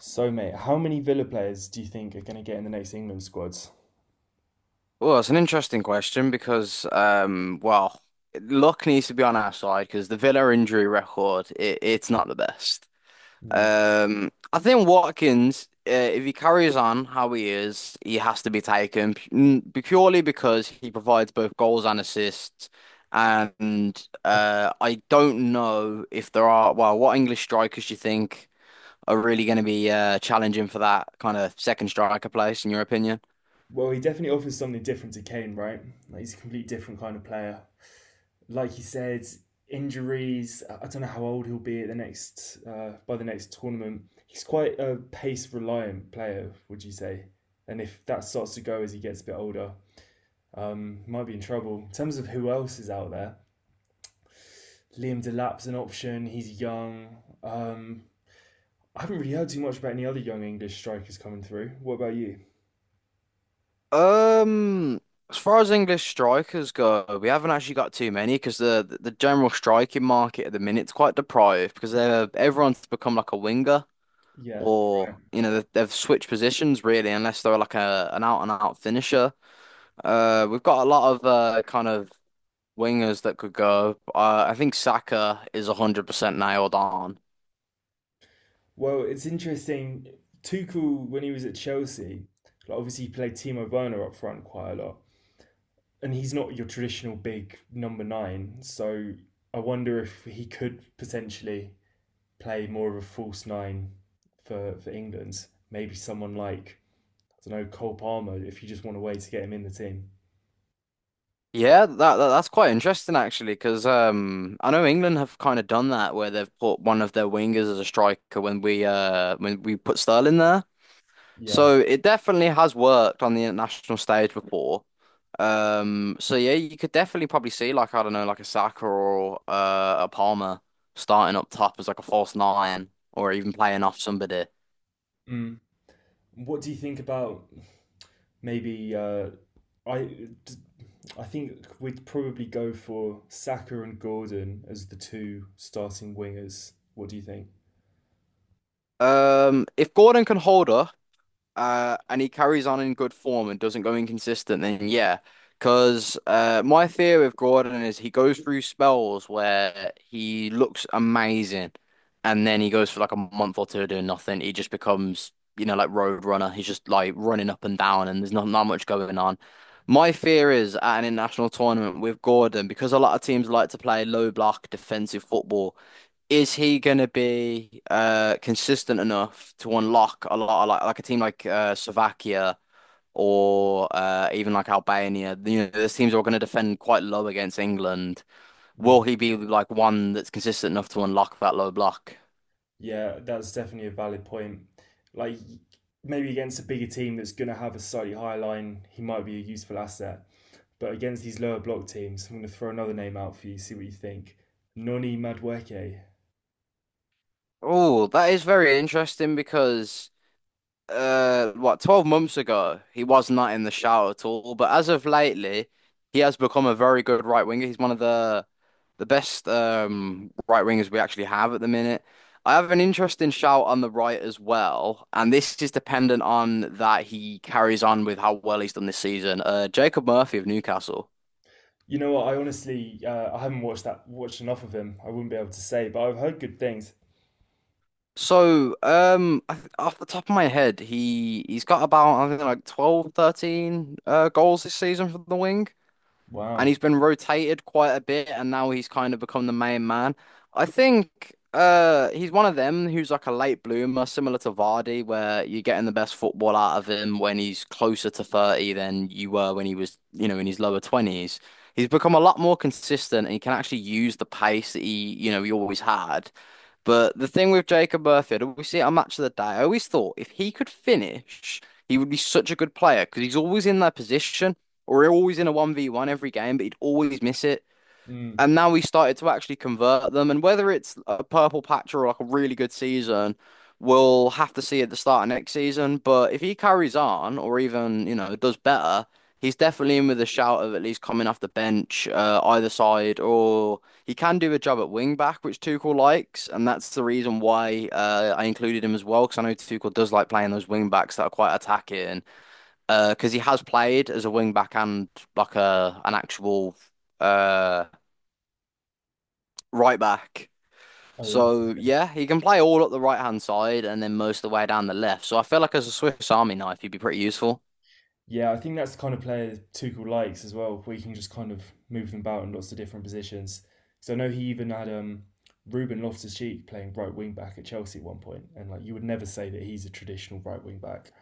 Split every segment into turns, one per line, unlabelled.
So, mate, how many Villa players do you think are going to get in the next England squads?
Well, it's an interesting question because, well, luck needs to be on our side because the Villa injury record, it's not the best.
Mm.
I think Watkins, if he carries on how he is, he has to be taken purely because he provides both goals and assists. And I don't know if there are, well, what English strikers do you think are really going to be challenging for that kind of second striker place, in your opinion?
Well, he definitely offers something different to Kane, right? Like he's a complete different kind of player. Like you said, injuries. I don't know how old he'll be at the next by the next tournament. He's quite a pace reliant player, would you say? And if that starts to go as he gets a bit older, might be in trouble. In terms of who else is out there, Liam Delap's an option. He's young. Um, I haven't really heard too much about any other young English strikers coming through. What about you?
Um, as far as English strikers go, we haven't actually got too many because the general striking market at the minute's quite deprived because they're everyone's become like a winger
Yeah.
or you know they've switched positions really unless they're like a an out and out finisher. We've got a lot of kind of wingers that could go. I think Saka is 100% nailed on.
Well, it's interesting. Tuchel, when he was at Chelsea, like obviously he played Timo Werner up front quite a lot, and he's not your traditional big number nine. So I wonder if he could potentially play more of a false nine for England. Maybe someone like I don't know, Cole Palmer, if you just want a way to get him in the team.
Yeah, that's quite interesting actually, because I know England have kind of done that where they've put one of their wingers as a striker when we put Sterling there.
Yeah.
So it definitely has worked on the international stage before. So yeah, you could definitely probably see like I don't know, like a Saka or a Palmer starting up top as like a false nine or even playing off somebody.
Mm. What do you think about maybe I I think we'd probably go for Saka and Gordon as the two starting wingers. What do you think?
If Gordon can hold up and he carries on in good form and doesn't go inconsistent, then yeah. Because my fear with Gordon is he goes through spells where he looks amazing, and then he goes for like a month or two doing nothing. He just becomes, you know, like road runner. He's just like running up and down, and there's not much going on. My fear is at an international tournament with Gordon, because a lot of teams like to play low block defensive football, is he going to be consistent enough to unlock a lot of like a team like Slovakia or even like Albania? You know, those teams are going to defend quite low against England.
Mm.
Will he be like one that's consistent enough to unlock that low block?
Yeah, that's definitely a valid point. Like maybe against a bigger team that's going to have a slightly higher line, he might be a useful asset. But against these lower block teams, I'm going to throw another name out for you. See what you think. Noni Madweke.
Oh, that is very interesting because what 12 months ago he was not in the shout at all, but as of lately he has become a very good right winger. He's one of the best right wingers we actually have at the minute. I have an interesting shout on the right as well, and this is dependent on that he carries on with how well he's done this season. Jacob Murphy of Newcastle.
You know what? I honestly, I haven't watched enough of him. I wouldn't be able to say, but I've heard good things.
So I th off the top of my head, he's got about I think like 12, 13 goals this season for the, and
Wow.
he's been rotated quite a bit, and now he's kind of become the main man. I think he's one of them who's like a late bloomer, similar to Vardy, where you're getting the best football out of him when he's closer to 30 than you were when he was, you know, in his lower 20s. He's become a lot more consistent and he can actually use the pace that he, you know, he always had. But the thing with Jacob Murphy, we see it on Match of the Day. I always thought if he could finish, he would be such a good player because he's always in that position or always in a 1v1 every game, but he'd always miss it.
Mm.
And now we started to actually convert them. And whether it's a purple patch or like a really good season, we'll have to see at the start of next season. But if he carries on or even, you know, does better, he's definitely in with a shout of at least coming off the bench, either side, or he can do a job at wing back, which Tuchel likes. And that's the reason why I included him as well, because I know Tuchel does like playing those wing backs that are quite attacking. Because he has played as a wing back and like a an actual uh right back.
Oh,
So
interesting.
yeah, he can play all up the right hand side and then most of the way down the left. So I feel like as a Swiss Army knife, he'd be pretty useful.
Yeah, I think that's the kind of player Tuchel likes as well, where you can just kind of move them about in lots of different positions. So I know he even had Ruben Loftus-Cheek playing right wing back at Chelsea at one point, and like you would never say that he's a traditional right wing back.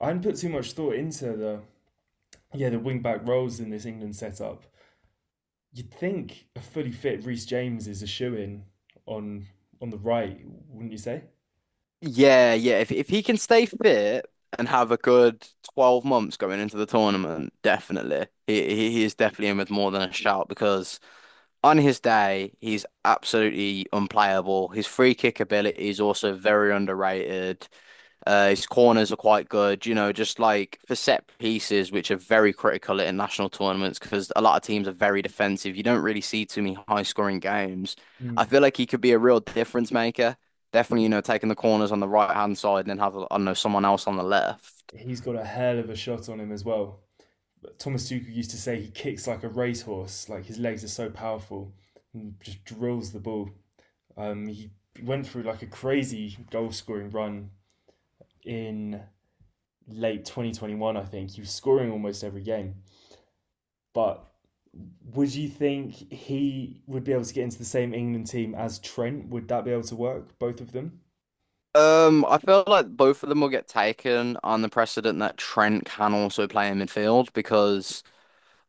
I hadn't put too much thought into the yeah the wing back roles in this England setup. You'd think a fully fit Reece James is a shoe in on on the right, wouldn't you say?
Yeah, yeah. If he can stay fit and have a good 12 months going into the tournament, definitely. He is definitely in with more than a shout because on his day, he's absolutely unplayable. His free kick ability is also very underrated. His corners are quite good, you know, just like for set pieces, which are very critical at international tournaments because a lot of teams are very defensive. You don't really see too many high scoring games. I
Mm.
feel like he could be a real difference maker. Definitely, you know, taking the corners on the right hand side and then have, I don't know, someone else on the left.
He's got a hell of a shot on him as well. But Thomas Tuchel used to say he kicks like a racehorse, like his legs are so powerful and just drills the ball. He went through like a crazy goal scoring run in late 2021, I think. He was scoring almost every game. But would you think he would be able to get into the same England team as Trent? Would that be able to work, both of them?
I feel like both of them will get taken on the precedent that Trent can also play in midfield, because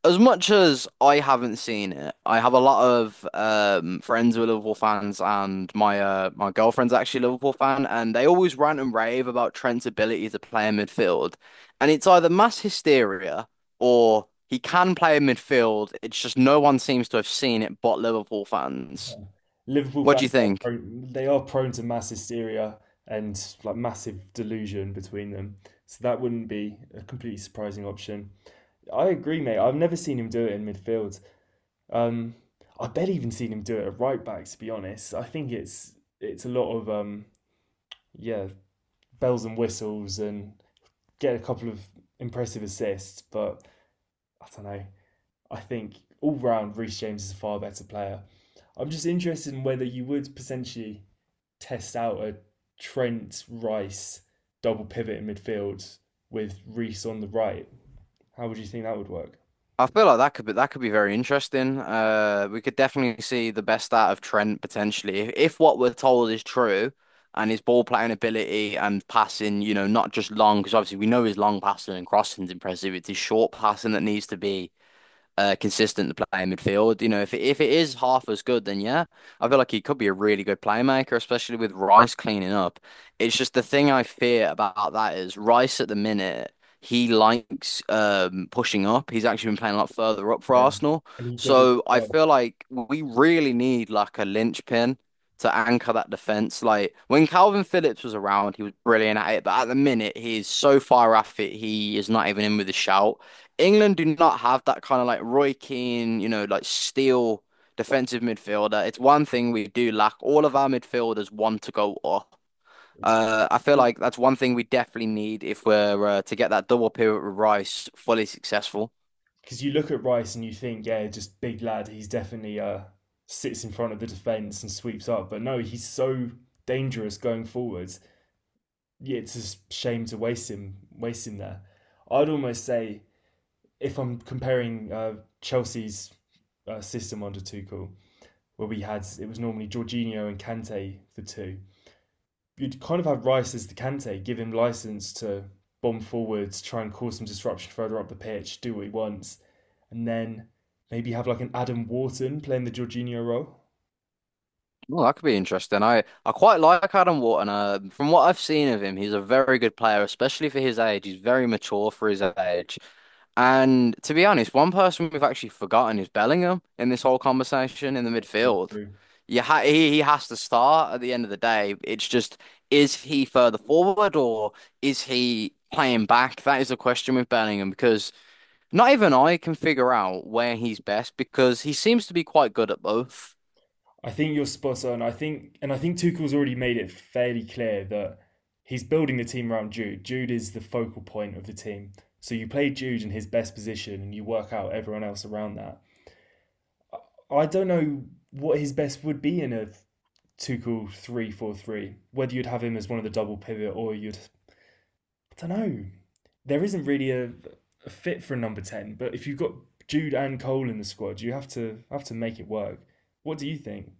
as much as I haven't seen it, I have a lot of friends who are Liverpool fans, and my my girlfriend's actually a Liverpool fan, and they always rant and rave about Trent's ability to play in midfield. And it's either mass hysteria or he can play in midfield. It's just no one seems to have seen it but Liverpool fans.
Liverpool
What
fans
do you
are
think?
prone, they are prone to mass hysteria and like massive delusion between them. So that wouldn't be a completely surprising option. I agree, mate. I've never seen him do it in midfield. Um, I bet even seen him do it at right back, to be honest. I think it's a lot of yeah, bells and whistles and get a couple of impressive assists, but I don't know. I think all round Reece James is a far better player. I'm just interested in whether you would potentially test out a Trent Rice double pivot in midfield with Reece on the right. How would you think that would work?
I feel like that could be very interesting. We could definitely see the best out of Trent potentially if what we're told is true, and his ball playing ability and passing, you know, not just long because obviously we know his long passing and crossing's impressive. It's his short passing that needs to be consistent to play in midfield. You know, if it is half as good, then yeah, I feel like he could be a really good playmaker, especially with Rice cleaning up. It's just the thing I fear about that is Rice at the minute. He likes pushing up. He's actually been playing a lot further up for
Yeah.
Arsenal.
And he does it
So I
well.
feel like we really need like a linchpin to anchor that defense. Like when Calvin Phillips was around, he was brilliant at it, but at the minute he is so far off it, he is not even in with a shout. England do not have that kind of like Roy Keane, you know, like steel defensive midfielder. It's one thing we do lack. All of our midfielders want to go up.
It's
I feel like that's one thing we definitely need if we're to get that double pivot with Rice fully successful.
because you look at Rice and you think, yeah, just big lad. He's definitely sits in front of the defense and sweeps up. But no, he's so dangerous going forwards. Yeah, it's a shame to waste him there. I'd almost say if I'm comparing Chelsea's system under Tuchel, where we had it was normally Jorginho and Kante for two. You'd kind of have Rice as the Kante, give him license to bomb forwards, try and cause some disruption further up the pitch, do what he wants and then maybe have like an Adam Wharton playing the Jorginho role.
Well, that could be interesting. I quite like Adam Wharton. From what I've seen of him, he's a very good player, especially for his age. He's very mature for his age. And to be honest, one person we've actually forgotten is Bellingham in this whole conversation in the midfield.
Mm-hmm.
You ha he has to start at the end of the day. It's just, is he further forward or is he playing back? That is the question with Bellingham because not even I can figure out where he's best because he seems to be quite good at both.
I think you're spot on. I think, and I think Tuchel's already made it fairly clear that he's building the team around Jude. Jude is the focal point of the team. So you play Jude in his best position and you work out everyone else around that. I don't know what his best would be in a Tuchel 3-4-3, whether you'd have him as one of the double pivot or you'd I don't know. There isn't really a fit for a number ten, but if you've got Jude and Cole in the squad, you have to make it work. What do you think?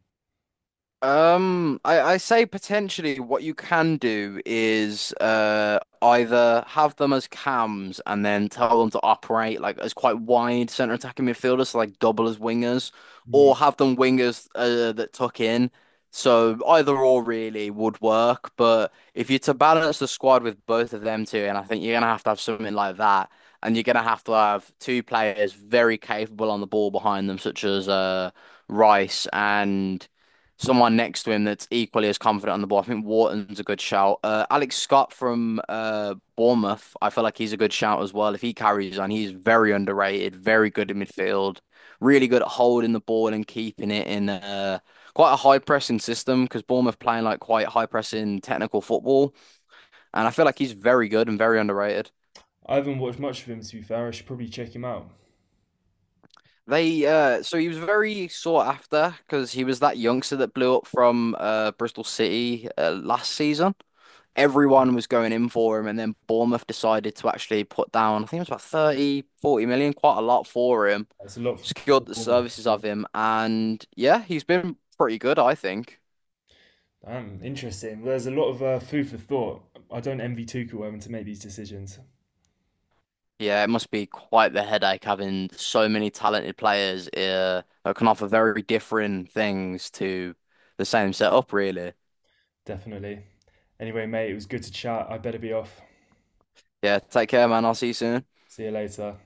I say potentially what you can do is either have them as cams and then tell them to operate like as quite wide centre attacking midfielders, so like double as wingers,
Hmm.
or have them wingers that tuck in. So either or really would work, but if you're to balance the squad with both of them two, and I think you're gonna have to have something like that, and you're gonna have to have two players very capable on the ball behind them, such as Rice and someone next to him that's equally as confident on the ball. I think Wharton's a good shout. Alex Scott from Bournemouth, I feel like he's a good shout as well. If he carries on, he's very underrated, very good in midfield, really good at holding the ball and keeping it in quite a high pressing system because Bournemouth playing like quite high pressing technical football. And I feel like he's very good and very underrated.
I haven't watched much of him to be fair. I should probably check him out.
They so he was very sought after because he was that youngster that blew up from Bristol City last season. Everyone was going in for him and then Bournemouth decided to actually put down I think it was about 30, 40 million, quite a lot for him.
That's a lot for
Secured the
performance.
services of
So.
him and yeah, he's been pretty good, I think.
Damn, interesting. Well, there's a lot of food for thought. I don't envy Tuchel having to make these decisions.
Yeah, it must be quite the headache having so many talented players that can offer very different things to the same setup, really.
Definitely. Anyway, mate, it was good to chat. I better be off.
Yeah, take care, man. I'll see you soon.
See you later.